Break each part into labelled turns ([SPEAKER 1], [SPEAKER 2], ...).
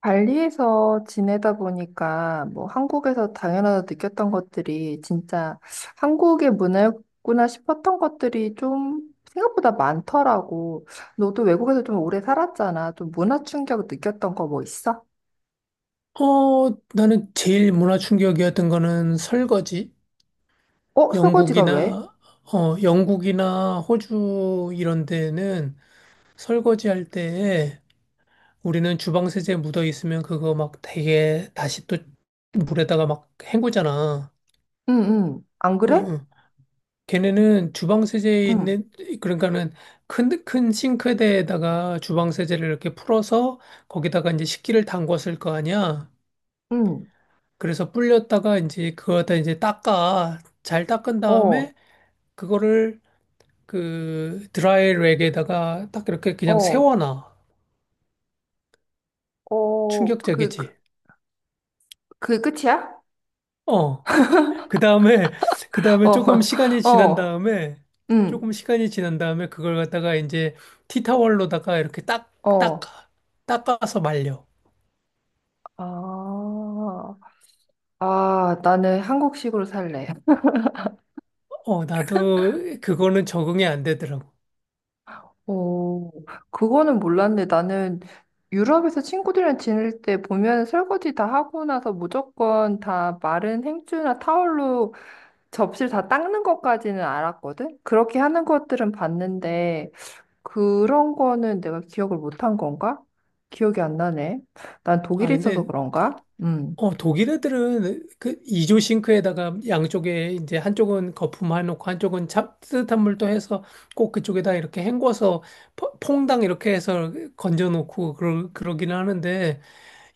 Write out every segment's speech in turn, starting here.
[SPEAKER 1] 발리에서 지내다 보니까 뭐 한국에서 당연하다 느꼈던 것들이 진짜 한국의 문화였구나 싶었던 것들이 좀 생각보다 많더라고. 너도 외국에서 좀 오래 살았잖아. 좀 문화 충격 느꼈던 거 뭐 있어?
[SPEAKER 2] 나는 제일 문화 충격이었던 거는 설거지.
[SPEAKER 1] 어, 설거지가 왜?
[SPEAKER 2] 영국이나, 영국이나 호주 이런 데는 설거지 할 때에 우리는 주방 세제 묻어 있으면 그거 막 되게 다시 또 물에다가 막 헹구잖아.
[SPEAKER 1] 응, 응. 안
[SPEAKER 2] 응,
[SPEAKER 1] 그래?
[SPEAKER 2] 응. 걔네는 주방 세제에
[SPEAKER 1] 응,
[SPEAKER 2] 있는, 그러니까는 큰 싱크대에다가 주방 세제를 이렇게 풀어서 거기다가 이제 식기를 담궜을 거 아니야.
[SPEAKER 1] 응.
[SPEAKER 2] 그래서 불렸다가 이제 그거 다 이제 닦아. 잘 닦은
[SPEAKER 1] 어,
[SPEAKER 2] 다음에 그거를 그 드라이 랙에다가 딱 이렇게 그냥
[SPEAKER 1] 어,
[SPEAKER 2] 세워놔.
[SPEAKER 1] 어,
[SPEAKER 2] 충격적이지.
[SPEAKER 1] 그 끝이야?
[SPEAKER 2] 어. 그 다음에, 그 다음에 조금 시간이
[SPEAKER 1] 어,
[SPEAKER 2] 지난
[SPEAKER 1] 어,
[SPEAKER 2] 다음에,
[SPEAKER 1] 응,
[SPEAKER 2] 조금 시간이 지난 다음에 그걸 갖다가 이제 티타월로다가 이렇게 딱,
[SPEAKER 1] 어.
[SPEAKER 2] 닦아. 닦아서 말려.
[SPEAKER 1] 아, 아, 나는 한국식으로 살래.
[SPEAKER 2] 나도 그거는 적응이 안 되더라고.
[SPEAKER 1] 오, 그거는 몰랐네. 나는 유럽에서 친구들이랑 지낼 때 보면 설거지 다 하고 나서 무조건 다 마른 행주나 타월로 접시를 다 닦는 것까지는 알았거든? 그렇게 하는 것들은 봤는데, 그런 거는 내가 기억을 못 한 건가? 기억이 안 나네. 난
[SPEAKER 2] 아,
[SPEAKER 1] 독일에 있어서
[SPEAKER 2] 근데
[SPEAKER 1] 그런가? 음.
[SPEAKER 2] 독일 애들은 그 이조 싱크에다가 양쪽에 이제 한쪽은 거품 해 놓고 한쪽은 따뜻한 물도 해서 꼭 그쪽에다 이렇게 헹궈서 퐁당 이렇게 해서 건져 놓고 그러긴 하는데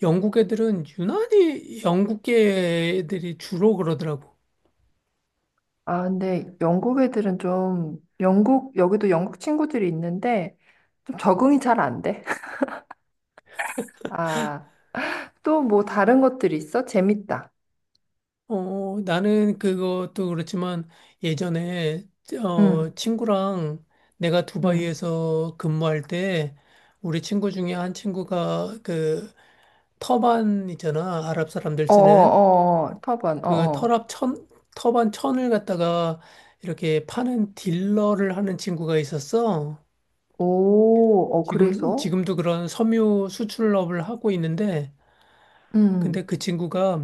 [SPEAKER 2] 영국 애들은 유난히 영국계 애들이 주로 그러더라고.
[SPEAKER 1] 아, 근데 영국 애들은 좀, 여기도 영국 친구들이 있는데, 좀 적응이 잘 안 돼. 아. 또 뭐 다른 것들이 있어? 재밌다.
[SPEAKER 2] 나는 그것도 그렇지만 예전에
[SPEAKER 1] 응,
[SPEAKER 2] 친구랑 내가
[SPEAKER 1] 응,
[SPEAKER 2] 두바이에서 근무할 때 우리 친구 중에 한 친구가 그 터반 있잖아. 아랍 사람들 쓰는
[SPEAKER 1] 어어어, 터번,
[SPEAKER 2] 그
[SPEAKER 1] 어어.
[SPEAKER 2] 터랍 천, 터반 천을 갖다가 이렇게 파는 딜러를 하는 친구가 있었어.
[SPEAKER 1] 오, 어, 그래서?
[SPEAKER 2] 지금도 그런 섬유 수출업을 하고 있는데,
[SPEAKER 1] 응,
[SPEAKER 2] 근데 그 친구가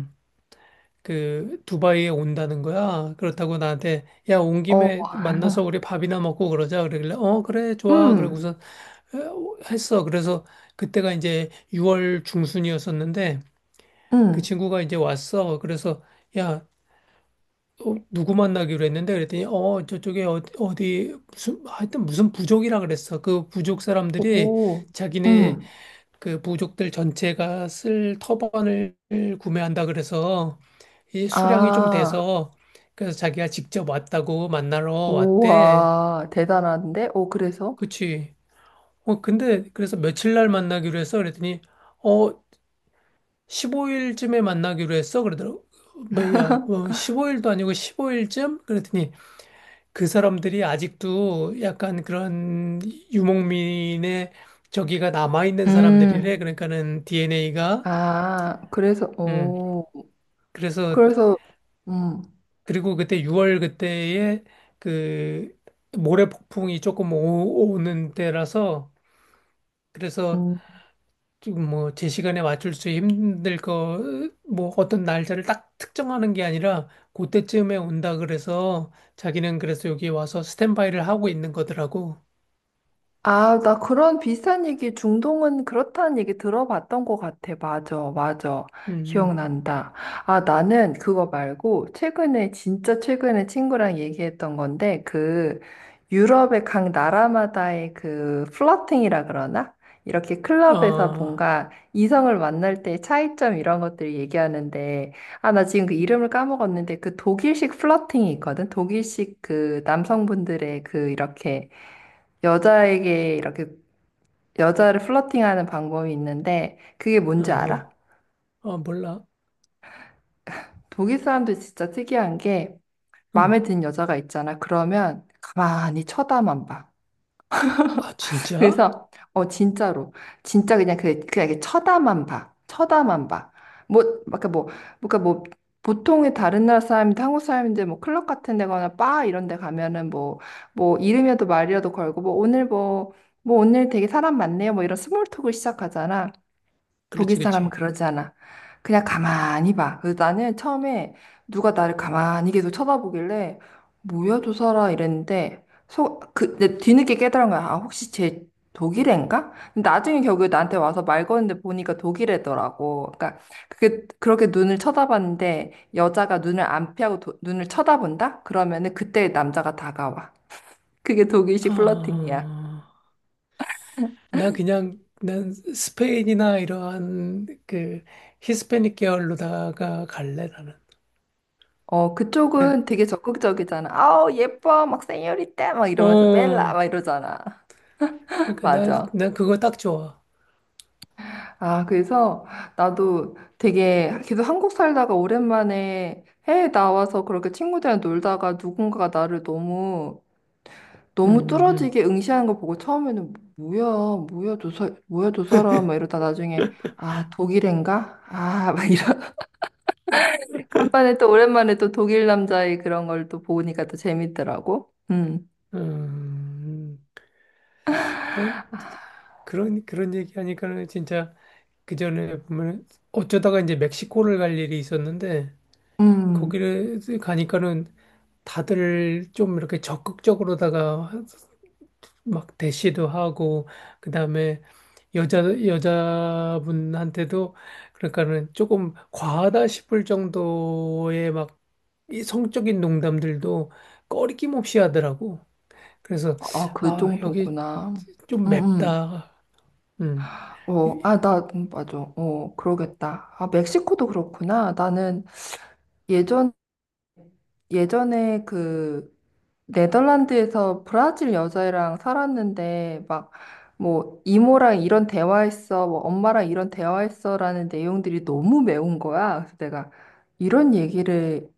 [SPEAKER 2] 그 두바이에 온다는 거야. 그렇다고 나한테, 야, 온
[SPEAKER 1] 어,
[SPEAKER 2] 김에 만나서 우리 밥이나 먹고 그러자. 그러길래, 어, 그래, 좋아.
[SPEAKER 1] 음,
[SPEAKER 2] 그러고서 했어. 그래서 그때가 이제 6월 중순이었었는데, 그
[SPEAKER 1] 응,
[SPEAKER 2] 친구가 이제 왔어. 그래서, 야, 누구 만나기로 했는데 그랬더니 저쪽에 어디 무슨 하여튼 무슨 부족이라 그랬어. 그 부족 사람들이
[SPEAKER 1] 오,
[SPEAKER 2] 자기네
[SPEAKER 1] 응.
[SPEAKER 2] 그 부족들 전체가 쓸 터번을 구매한다 그래서 이 수량이 좀
[SPEAKER 1] 아,
[SPEAKER 2] 돼서 그래서 자기가 직접 왔다고 만나러 왔대.
[SPEAKER 1] 우와, 대단한데? 오, 그래서?
[SPEAKER 2] 그치? 근데 그래서 며칠 날 만나기로 했어 그랬더니 어 15일쯤에 만나기로 했어 그러더라고. 어, 뭐야 뭐 15일도 아니고 15일쯤 그랬더니 그 사람들이 아직도 약간 그런 유목민의 저기가 남아있는 사람들이래.
[SPEAKER 1] 음,
[SPEAKER 2] 그러니까는 DNA가,
[SPEAKER 1] 아, 그래서,
[SPEAKER 2] 음,
[SPEAKER 1] 오,
[SPEAKER 2] 그래서,
[SPEAKER 1] 그래서, 음.
[SPEAKER 2] 그리고 그때 6월 그때에 그 모래폭풍이 조금 오는 때라서, 그래서
[SPEAKER 1] 음.
[SPEAKER 2] 좀 뭐 제 시간에 맞출 수 힘들 거, 뭐 어떤 날짜를 딱 특정하는 게 아니라, 그때쯤에 온다 그래서 자기는 그래서 여기 와서 스탠바이를 하고 있는 거더라고.
[SPEAKER 1] 아, 나 그런 비슷한 얘기, 중동은 그렇다는 얘기 들어봤던 것 같아. 맞아, 맞아.
[SPEAKER 2] 음,
[SPEAKER 1] 기억난다. 아, 나는 그거 말고, 최근에, 진짜 최근에 친구랑 얘기했던 건데, 그, 유럽의 각 나라마다의 그, 플러팅이라 그러나? 이렇게 클럽에서
[SPEAKER 2] 어.
[SPEAKER 1] 뭔가 이성을 만날 때 차이점 이런 것들 얘기하는데, 아, 나 지금 그 이름을 까먹었는데, 그 독일식 플러팅이 있거든? 독일식 그 남성분들의 그 이렇게, 여자에게 이렇게 여자를 플러팅하는 방법이 있는데 그게
[SPEAKER 2] 어,
[SPEAKER 1] 뭔지 알아?
[SPEAKER 2] 어, 몰라.
[SPEAKER 1] 독일 사람들 진짜 특이한 게
[SPEAKER 2] 응.
[SPEAKER 1] 마음에 든 여자가 있잖아. 그러면 가만히 쳐다만 봐.
[SPEAKER 2] 아, 진짜?
[SPEAKER 1] 그래서 진짜로 진짜 그냥 이렇게 쳐다만 봐. 쳐다만 봐. 뭐 그러니까 뭐 그러니까 뭐 보통의 다른 나라 사람인데 한국 사람인데 뭐 클럽 같은 데거나 바 이런 데 가면은 뭐 이름이라도 말이라도 걸고 뭐 오늘 뭐 오늘 되게 사람 많네요. 뭐 이런 스몰 톡을 시작하잖아. 독일
[SPEAKER 2] 그렇지,
[SPEAKER 1] 사람은
[SPEAKER 2] 그렇지.
[SPEAKER 1] 그러지 않아. 그냥 가만히 봐. 그래서 나는 처음에 누가 나를 가만히 계속 쳐다보길래 뭐야 저 사람 이랬는데 내 뒤늦게 깨달은 거야. 아 혹시 쟤 독일애인가? 근데 나중에 결국에 나한테 와서 말 거는데 보니까 독일애더라고. 그러니까 그게 그렇게 눈을 쳐다봤는데 여자가 눈을 안 피하고 눈을 쳐다본다? 그러면은 그때 남자가 다가와. 그게 독일식 플러팅이야.
[SPEAKER 2] 아, 난 스페인이나 이러한 그 히스패닉 계열로다가 갈래, 나는.
[SPEAKER 1] 어,
[SPEAKER 2] 네.
[SPEAKER 1] 그쪽은 되게 적극적이잖아. 아우, 예뻐. 막 세뇨리떼. 막 이러면서 벨라.
[SPEAKER 2] 어,
[SPEAKER 1] 막 이러잖아.
[SPEAKER 2] 그러니까
[SPEAKER 1] 맞아.
[SPEAKER 2] 나 그거 딱 좋아.
[SPEAKER 1] 아, 그래서 나도 되게 계속 한국 살다가 오랜만에 해외 나와서 그렇게 친구들이랑 놀다가 누군가가 나를 너무
[SPEAKER 2] 음,
[SPEAKER 1] 너무
[SPEAKER 2] 음,
[SPEAKER 1] 뚫어지게 응시하는 걸 보고 처음에는 뭐야, 저 사람, 막 이러다 나중에, 아, 독일인가? 아, 막 이런. 간만에 또 오랜만에 또 독일 남자의 그런 걸 또 보니까 또 재밌더라고. 음.
[SPEAKER 2] 음. 음, 난 그런 얘기하니까는 진짜 그 전에 보면 어쩌다가 이제 멕시코를 갈 일이 있었는데
[SPEAKER 1] 음.
[SPEAKER 2] 거기를 가니까는 다들 좀 이렇게 적극적으로다가 막 대시도 하고 그다음에 여자 여자분한테도 그러니까는 조금 과하다 싶을 정도의 막이 성적인 농담들도 꺼리낌 없이 하더라고. 그래서
[SPEAKER 1] 아, 그
[SPEAKER 2] 아, 여기
[SPEAKER 1] 정도구나.
[SPEAKER 2] 좀
[SPEAKER 1] 응 응.
[SPEAKER 2] 맵다. 음.
[SPEAKER 1] 어,
[SPEAKER 2] 이-
[SPEAKER 1] 아, 맞아. 어, 그러겠다. 아, 멕시코도 그렇구나. 나는 예전, 예전에 그, 네덜란드에서 브라질 여자애랑 살았는데, 막, 뭐, 이모랑 이런 대화했어, 뭐, 엄마랑 이런 대화했어라는 내용들이 너무 매운 거야. 그래서 내가 이런 얘기를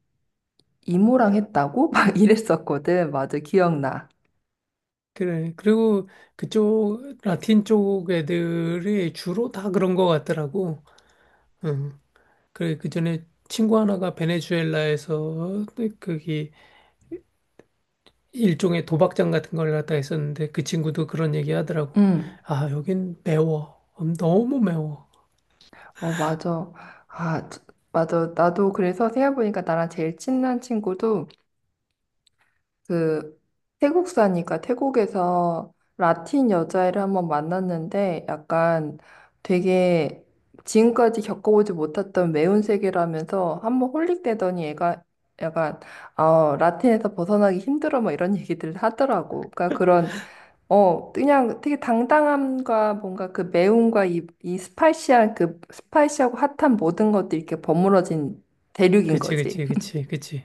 [SPEAKER 1] 이모랑 했다고? 막 이랬었거든. 맞아, 기억나.
[SPEAKER 2] 그래. 그리고 그쪽 라틴 쪽 애들이 주로 다 그런 것 같더라고. 음. 그래, 그 전에 친구 하나가 베네수엘라에서 그기 일종의 도박장 같은 걸 갖다 했었는데 그 친구도 그런 얘기 하더라고.
[SPEAKER 1] 응.
[SPEAKER 2] 아, 여긴 매워. 너무 매워.
[SPEAKER 1] 어, 맞아. 아, 맞아. 나도 그래서 생각해보니까 나랑 제일 친한 친구도 그 태국 사니까 태국에서 라틴 여자애를 한번 만났는데 약간 되게 지금까지 겪어보지 못했던 매운 세계라면서 한번 홀릭되더니 애가 약간 라틴에서 벗어나기 힘들어 뭐 이런 얘기들 하더라고. 그러니까 그런 그냥 되게 당당함과 뭔가 그 매움과 이 스파이시한 그 스파이시하고 핫한 모든 것들이 이렇게 버무러진 대륙인 거지.
[SPEAKER 2] 그치.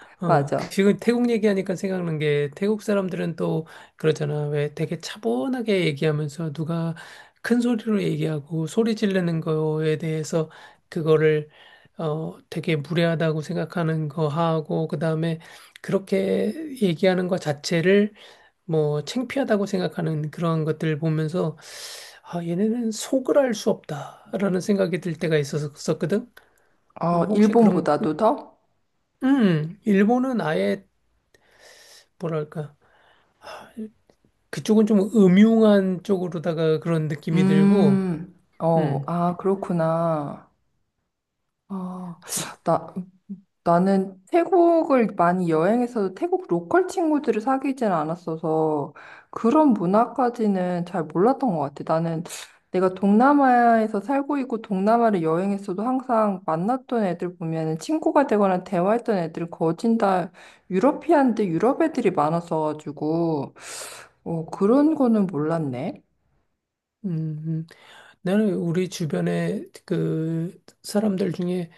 [SPEAKER 2] 어,
[SPEAKER 1] 맞아.
[SPEAKER 2] 지금 태국 얘기하니까 생각난 게 태국 사람들은 또 그러잖아. 왜 되게 차분하게 얘기하면서 누가 큰 소리로 얘기하고 소리 지르는 거에 대해서 그거를 어, 되게 무례하다고 생각하는 거 하고 그다음에 그렇게 얘기하는 것 자체를 뭐 창피하다고 생각하는 그런 것들 보면서 아, 얘네는 속을 알 수 없다라는 생각이 들 때가 있었었거든.
[SPEAKER 1] 어,
[SPEAKER 2] 혹시 그런
[SPEAKER 1] 일본보다도 더?
[SPEAKER 2] 일본은 아예 뭐랄까 그쪽은 좀 음흉한 쪽으로다가 그런 느낌이 들고,
[SPEAKER 1] 어,
[SPEAKER 2] 음,
[SPEAKER 1] 아, 그렇구나. 어,
[SPEAKER 2] 그,
[SPEAKER 1] 나, 나는 태국을 많이 여행해서 태국 로컬 친구들을 사귀진 않았어서 그런 문화까지는 잘 몰랐던 것 같아. 나는 내가 동남아에서 살고 있고 동남아를 여행했어도 항상 만났던 애들 보면은 친구가 되거나 대화했던 애들은 거진 다 유러피안데 유럽 애들이 많았어가지고 그런 거는 몰랐네.
[SPEAKER 2] 음, 음. 나는 우리 주변에 그 사람들 중에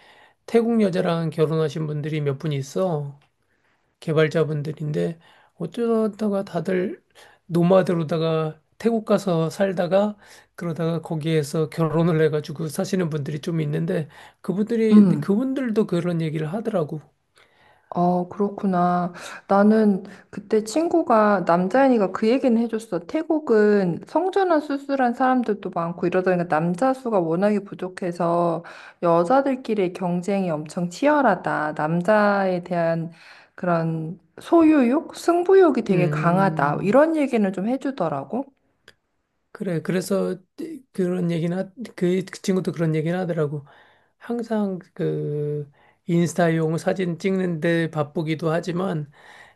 [SPEAKER 2] 태국 여자랑 결혼하신 분들이 몇 분 있어. 개발자분들인데 어쩌다가 다들 노마드로다가 태국 가서 살다가 그러다가 거기에서 결혼을 해가지고 사시는 분들이 좀 있는데 그분들이
[SPEAKER 1] 음.
[SPEAKER 2] 그분들도 그런 얘기를 하더라고.
[SPEAKER 1] 아, 그렇구나. 나는 그때 친구가, 남자애니까 그 얘기는 해줬어. 태국은 성전환 수술한 사람들도 많고 이러다 보니까 남자 수가 워낙에 부족해서 여자들끼리의 경쟁이 엄청 치열하다. 남자에 대한 그런 소유욕? 승부욕이 되게 강하다.
[SPEAKER 2] 음.
[SPEAKER 1] 이런 얘기는 좀 해주더라고.
[SPEAKER 2] 그래, 그래서 그런 얘기나 그 친구도 그런 얘기는 하더라고. 항상 그 인스타용 사진 찍는데 바쁘기도 하지만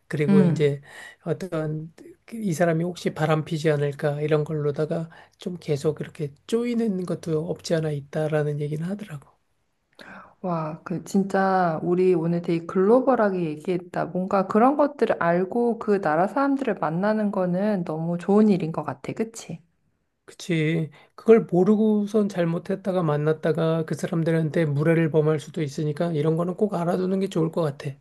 [SPEAKER 2] 그리고
[SPEAKER 1] 음.
[SPEAKER 2] 이제 어떤 그 이 사람이 혹시 바람피지 않을까 이런 걸로다가 좀 계속 이렇게 쪼이는 것도 없지 않아 있다라는 얘기는 하더라고.
[SPEAKER 1] 와, 그 진짜 우리 오늘 되게 글로벌하게 얘기했다. 뭔가 그런 것들을 알고 그 나라 사람들을 만나는 거는 너무 좋은 일인 것 같아. 그치?
[SPEAKER 2] 그치. 그걸 모르고선 잘못했다가 만났다가 그 사람들한테 무례를 범할 수도 있으니까 이런 거는 꼭 알아두는 게 좋을 것 같아.